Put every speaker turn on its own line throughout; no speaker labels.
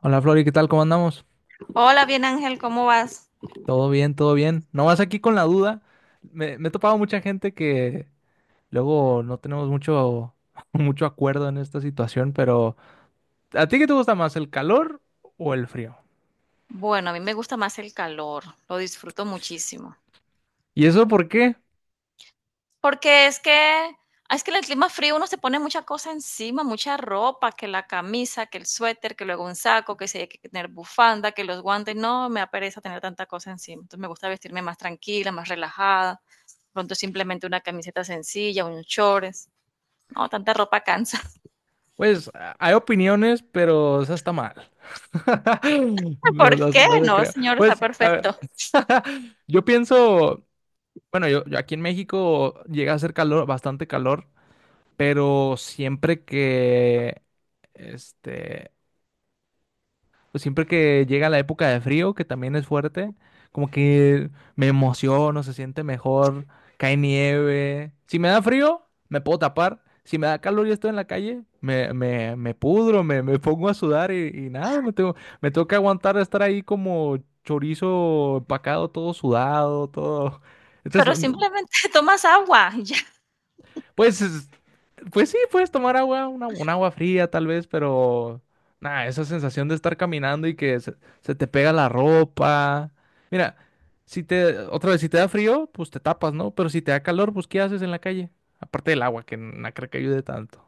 Hola Flori, ¿qué tal? ¿Cómo andamos?
Hola, bien Ángel, ¿cómo vas?
Todo bien, todo bien. Nomás aquí con la duda. Me he topado mucha gente que luego no tenemos mucho, mucho acuerdo en esta situación, pero ¿a ti qué te gusta más, el calor o el frío?
Bueno, a mí me gusta más el calor, lo disfruto muchísimo.
¿Y eso por qué?
Porque es que, es que en el clima frío uno se pone mucha cosa encima, mucha ropa, que la camisa, que el suéter, que luego un saco, que si hay que tener bufanda, que los guantes, no, me da pereza tener tanta cosa encima. Entonces me gusta vestirme más tranquila, más relajada. Pronto simplemente una camiseta sencilla, unos shorts. No, tanta ropa cansa.
Pues hay opiniones, pero eso está mal. No,
¿Por
no, se
qué?
no se
No,
crea.
señor, está
Pues, a ver,
perfecto.
yo pienso, bueno, yo aquí en México llega a hacer calor, bastante calor. Pero siempre que, este, pues siempre que llega la época de frío, que también es fuerte, como que me emociono, se siente mejor, cae nieve. Si me da frío, me puedo tapar. Si me da calor y estoy en la calle, me pudro, me pongo a sudar y nada, me tengo que aguantar estar ahí como chorizo empacado, todo sudado, todo. Entonces,
Pero
no.
simplemente tomas agua, ya.
Pues, es- pues sí, puedes tomar agua, un agua fría tal vez, pero nada, esa sensación de estar caminando y se te pega la ropa. Mira, si te da frío, pues te tapas, ¿no? Pero si te da calor, pues ¿qué haces en la calle? Aparte del agua, que no creo que ayude tanto.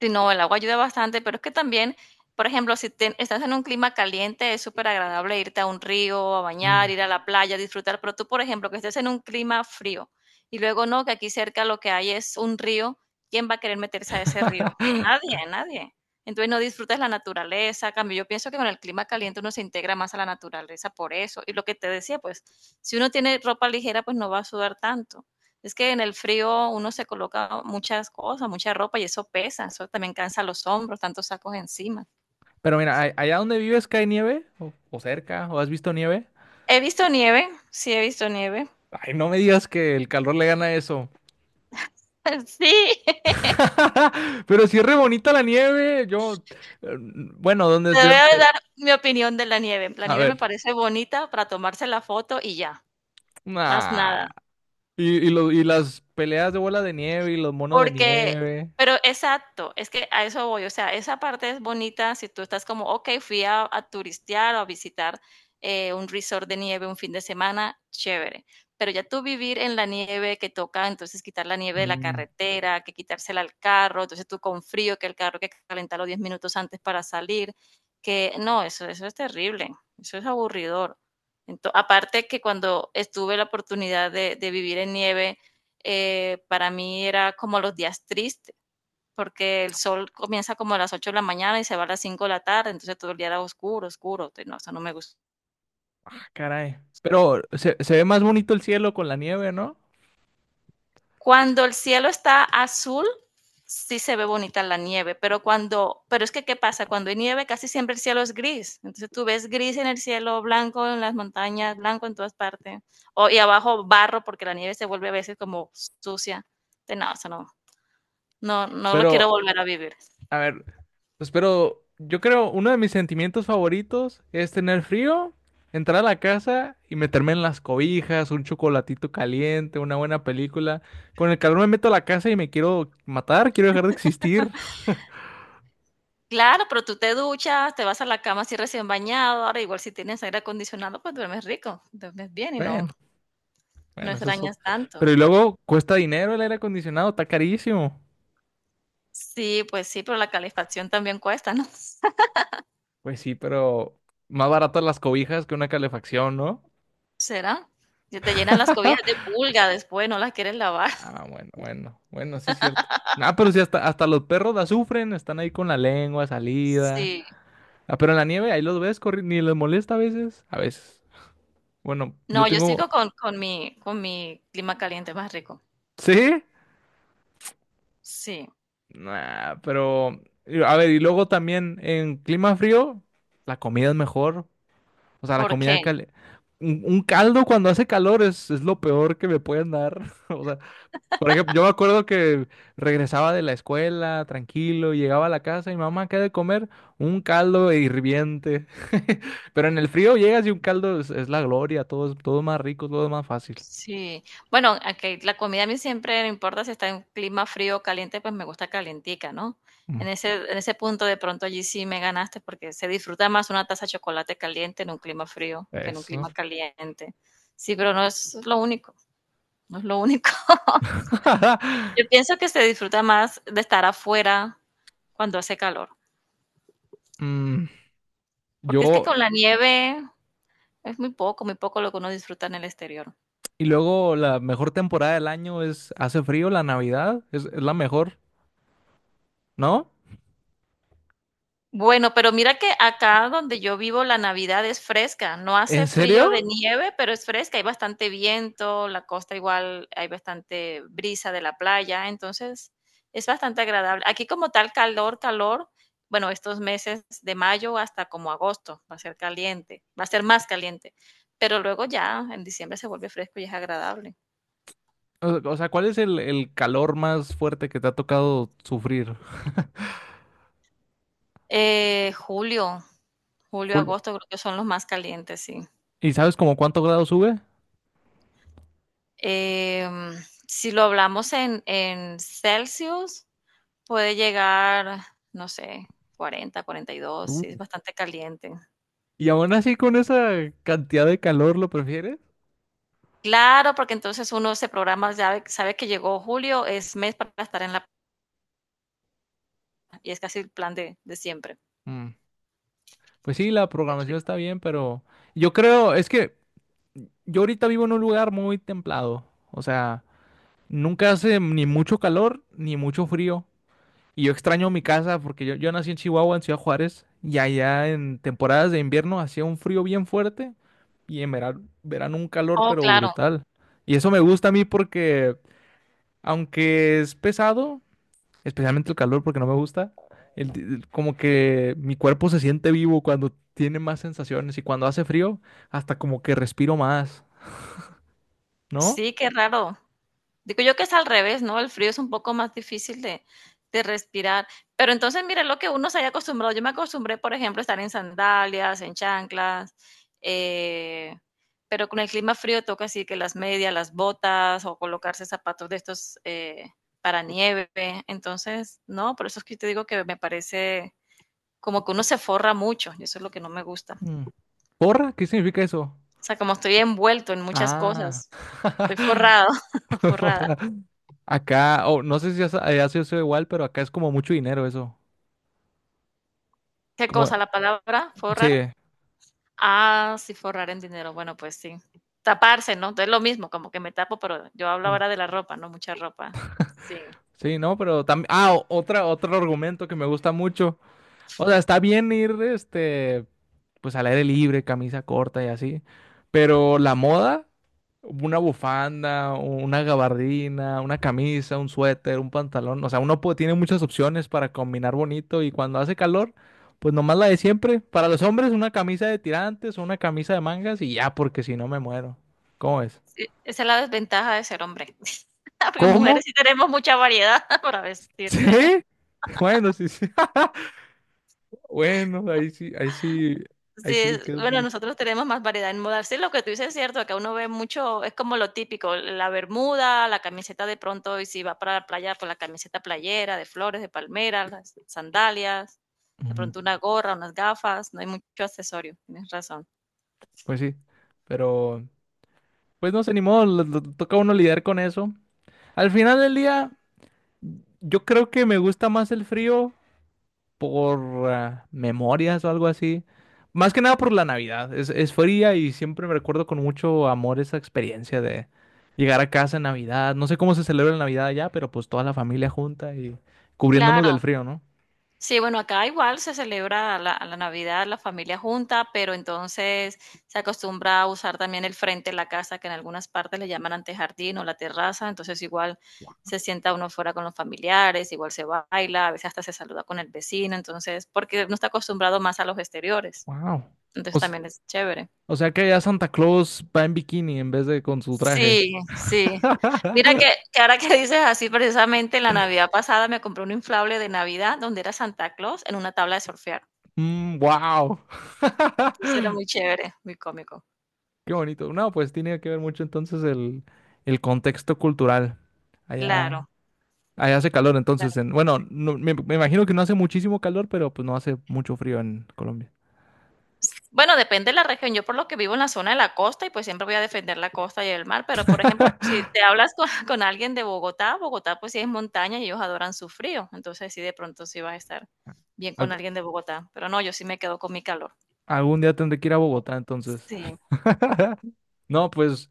Sí, no, el agua ayuda bastante, pero es que también, por ejemplo, si te- estás en un clima caliente, es súper agradable irte a un río, a bañar,
Mm.
ir a la playa, disfrutar, pero tú, por ejemplo, que estés en un clima frío y luego no, que aquí cerca lo que hay es un río, ¿quién va a querer meterse a ese río? Nadie, nadie. Entonces no disfrutas la naturaleza, a cambio, yo pienso que con el clima caliente uno se integra más a la naturaleza por eso. Y lo que te decía, pues, si uno tiene ropa ligera, pues no va a sudar tanto. Es que en el frío uno se coloca muchas cosas, mucha ropa y eso pesa, eso también cansa los hombros, tantos sacos encima.
Pero mira, ¿ allá donde vives cae nieve, o cerca, o has visto nieve.
He visto nieve, sí he visto nieve.
Ay, no me digas que el calor le gana eso.
Sí,
Pero sí es re bonita la nieve, yo, eh, bueno, ¿dónde
te
es
voy
de?
a dar mi opinión de la nieve. La
A
nieve me
ver.
parece bonita para tomarse la foto y ya, más
Nah.
nada.
Y y las peleas de bola de nieve y los monos de
Porque
nieve.
pero exacto, es que a eso voy, o sea, esa parte es bonita si tú estás como, ok, fui a turistear o a visitar un resort de nieve un fin de semana, chévere. Pero ya tú vivir en la nieve que toca, entonces quitar la nieve de la
Mm.
carretera, que quitársela al carro, entonces tú con frío, que el carro hay que calentarlo 10 minutos antes para salir, que no, eso es terrible, eso es aburridor. Aparte que cuando estuve la oportunidad de vivir en nieve, para mí era como los días tristes, porque el sol comienza como a las 8 de la mañana y se va a las 5 de la tarde, entonces todo el día era oscuro, oscuro, entonces, no, eso no me gusta.
Ah, caray. Pero se ve más bonito el cielo con la nieve, ¿no?
Cuando el cielo está azul, sí se ve bonita la nieve, pero cuando, pero es que ¿qué pasa? Cuando hay nieve casi siempre el cielo es gris, entonces tú ves gris en el cielo, blanco en las montañas, blanco en todas partes, o, y abajo barro porque la nieve se vuelve a veces como sucia, entonces, no, eso no, no, no lo quiero
Pero,
volver a vivir.
a ver, pero yo creo uno de mis sentimientos favoritos es tener frío, entrar a la casa y meterme en las cobijas, un chocolatito caliente, una buena película. Con el calor me meto a la casa y me quiero matar, quiero dejar de existir.
Claro, pero tú te duchas, te vas a la cama así recién bañado. Ahora, igual si tienes aire acondicionado, pues duermes rico, duermes bien y no,
Bueno.
no
Bueno, eso es... ot-
extrañas tanto.
Pero y luego cuesta dinero el aire acondicionado, está carísimo.
Sí, pues sí, pero la calefacción también cuesta, ¿no?
Pues sí, pero más baratas las cobijas que una calefacción, ¿no?
¿Será? Se te llenan las cobijas de pulga después, no las quieres lavar.
Ah, bueno, bueno, bueno, sí es cierto. Ah, pero sí, hasta los perros la sufren, están ahí con la lengua salida.
Sí.
Ah, pero en la nieve ahí los ves corriendo, ni les molesta a veces. A veces. Bueno,
No,
yo
yo sigo
tengo...
con mi clima caliente más rico.
¿Sí?
Sí.
Nah, pero... A ver, y luego también en clima frío, la comida es mejor. O sea, la
¿Por
comida
qué?
caliente. Un caldo cuando hace calor es lo peor que me pueden dar. O sea, por ejemplo, yo me acuerdo que regresaba de la escuela tranquilo, llegaba a la casa y mamá, ¿qué hay de comer? Un caldo hirviente. Pero en el frío llegas y un caldo es la gloria, todo es más rico, todo es más fácil.
Sí, bueno, aunque la comida a mí siempre no importa si está en clima frío o caliente, pues me gusta calientica, ¿no?
Mm.
En ese punto de pronto allí sí me ganaste porque se disfruta más una taza de chocolate caliente en un clima frío que en un
Eso.
clima caliente. Sí, pero no es lo único, no es lo único. Yo pienso que se disfruta más de estar afuera cuando hace calor,
Mm,
porque es que
yo,
con la nieve es muy poco lo que uno disfruta en el exterior.
y luego la mejor temporada del año es, hace frío, la Navidad, es la mejor, ¿no?
Bueno, pero mira que acá donde yo vivo la Navidad es fresca, no
¿En
hace frío de
serio?
nieve, pero es fresca, hay bastante viento, la costa igual hay bastante brisa de la playa, entonces es bastante agradable. Aquí como tal calor, calor, bueno, estos meses de mayo hasta como agosto va a ser caliente, va a ser más caliente, pero luego ya en diciembre se vuelve fresco y es agradable.
O sea, ¿cuál es el calor más fuerte que te ha tocado sufrir,
Eh, julio, julio,
Julio?
agosto creo que son los más calientes, sí.
¿Y sabes como cuánto grado sube?
Em, si lo hablamos en, Celsius, puede llegar, no sé, 40, 42, sí, es
Uh.
bastante caliente.
¿Y aún así con esa cantidad de calor lo prefieres?
Claro, porque entonces uno se programa, sabe, sabe que llegó julio, es mes para estar en la playa, y es casi el plan de siempre.
Mm. Pues sí, la
Muy
programación
rico.
está bien, pero yo creo, es que yo ahorita vivo en un lugar muy templado. O sea, nunca hace ni mucho calor ni mucho frío. Y yo extraño mi casa porque yo nací en Chihuahua, en Ciudad Juárez, y allá en temporadas de invierno hacía un frío bien fuerte y en verano, un calor
Oh,
pero
claro.
brutal. Y eso me gusta a mí porque, aunque es pesado, especialmente el calor porque no me gusta, como que mi cuerpo se siente vivo cuando tiene más sensaciones y cuando hace frío, hasta como que respiro más, ¿no?
Sí, qué raro. Digo yo que es al revés, ¿no? El frío es un poco más difícil de respirar. Pero entonces, mire lo que uno se haya acostumbrado. Yo me acostumbré, por ejemplo, a estar en sandalias, en chanclas, eh, pero con el clima frío toca así que las medias, las botas o colocarse zapatos de estos para nieve. Entonces, no, por eso es que te digo que me parece como que uno se forra mucho y eso es lo que no me gusta.
Mm. ¿Porra? ¿Qué significa eso?
O sea, como estoy envuelto en muchas
Ah,
cosas, estoy forrado, forrada.
porra. Acá, o no sé si ha sido igual, pero acá es como mucho dinero eso.
¿Qué
Como,
cosa? ¿La palabra forrar?
sí.
Ah, sí, forrar en dinero. Bueno, pues sí. Taparse, ¿no? Es lo mismo, como que me tapo, pero yo hablo
Mm,
ahora de la ropa, ¿no? Mucha ropa. Sí.
sí, no, pero también, ah, otra, otro argumento que me gusta mucho. O sea, está bien ir, pues al aire libre, camisa corta y así, pero la moda, una bufanda, una gabardina, una camisa, un suéter, un pantalón, o sea, tiene muchas opciones para combinar bonito, y cuando hace calor, pues nomás la de siempre. Para los hombres, una camisa de tirantes o una camisa de mangas y ya, porque si no me muero. ¿Cómo es?
Sí, esa es la desventaja de ser hombre. Porque
¿Cómo?
mujeres sí tenemos mucha variedad para
¿Sí?
vestirse.
Bueno, sí, sí. Bueno, ahí sí, ahí sí, ahí sí me quedo un
Bueno,
poquito.
nosotros tenemos más variedad en moda. Sí, lo que tú dices es cierto, que uno ve mucho, es como lo típico, la bermuda, la camiseta de pronto, y si va para la playa, pues la camiseta playera, de flores, de palmera, las sandalias, de pronto una gorra, unas gafas, no hay mucho accesorio, tienes razón.
Pues sí, pero pues no sé, ni modo, toca a uno lidiar con eso. Al final del día, yo creo que me gusta más el frío por ah, memorias o algo así. Más que nada por la Navidad. Es fría y siempre me recuerdo con mucho amor esa experiencia de llegar a casa en Navidad. No sé cómo se celebra la Navidad allá, pero pues toda la familia junta y cubriéndonos
Claro.
del frío, ¿no?
Sí, bueno, acá igual se celebra la Navidad, la familia junta, pero entonces se acostumbra a usar también el frente de la casa, que en algunas partes le llaman antejardín o la terraza, entonces igual se sienta uno fuera con los familiares, igual se baila, a veces hasta se saluda con el vecino, entonces, porque no está acostumbrado más a los exteriores,
Wow. O,
entonces
s-
también es chévere.
o sea que ya Santa Claus va en bikini en vez de con su traje.
Sí, sí. Mira que ahora que dices así, precisamente en la Navidad pasada me compré un inflable de Navidad donde era Santa Claus en una tabla de surfear.
Wow.
Entonces era muy chévere, muy cómico.
Qué bonito. No, pues tiene que ver mucho entonces el contexto cultural. Allá,
Claro,
allá hace calor entonces
claro que
en, bueno,
sí.
me imagino que no hace muchísimo calor, pero pues no hace mucho frío en Colombia.
Bueno, depende de la región. Yo por lo que vivo en la zona de la costa y pues siempre voy a defender la costa y el mar, pero por ejemplo, si te hablas con, con alguien de Bogotá, Bogotá pues sí es montaña y ellos adoran su frío, entonces sí de pronto sí vas a estar bien con
Al-
alguien de Bogotá, pero no, yo sí me quedo con mi calor.
Algún día tendré que ir a Bogotá entonces.
Sí,
No, pues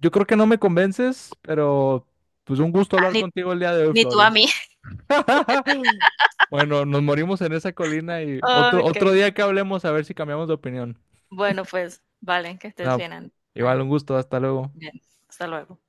yo creo que no me convences, pero pues un gusto
Ah,
hablar contigo el día de hoy,
ni tú a
Flori.
mí.
Bueno, nos morimos en esa colina y otro,
Ok,
otro día que hablemos a ver si cambiamos de opinión.
bueno pues, vale, que estés
No,
bien,
igual un
Ángel.
gusto, hasta luego.
Bien, hasta luego.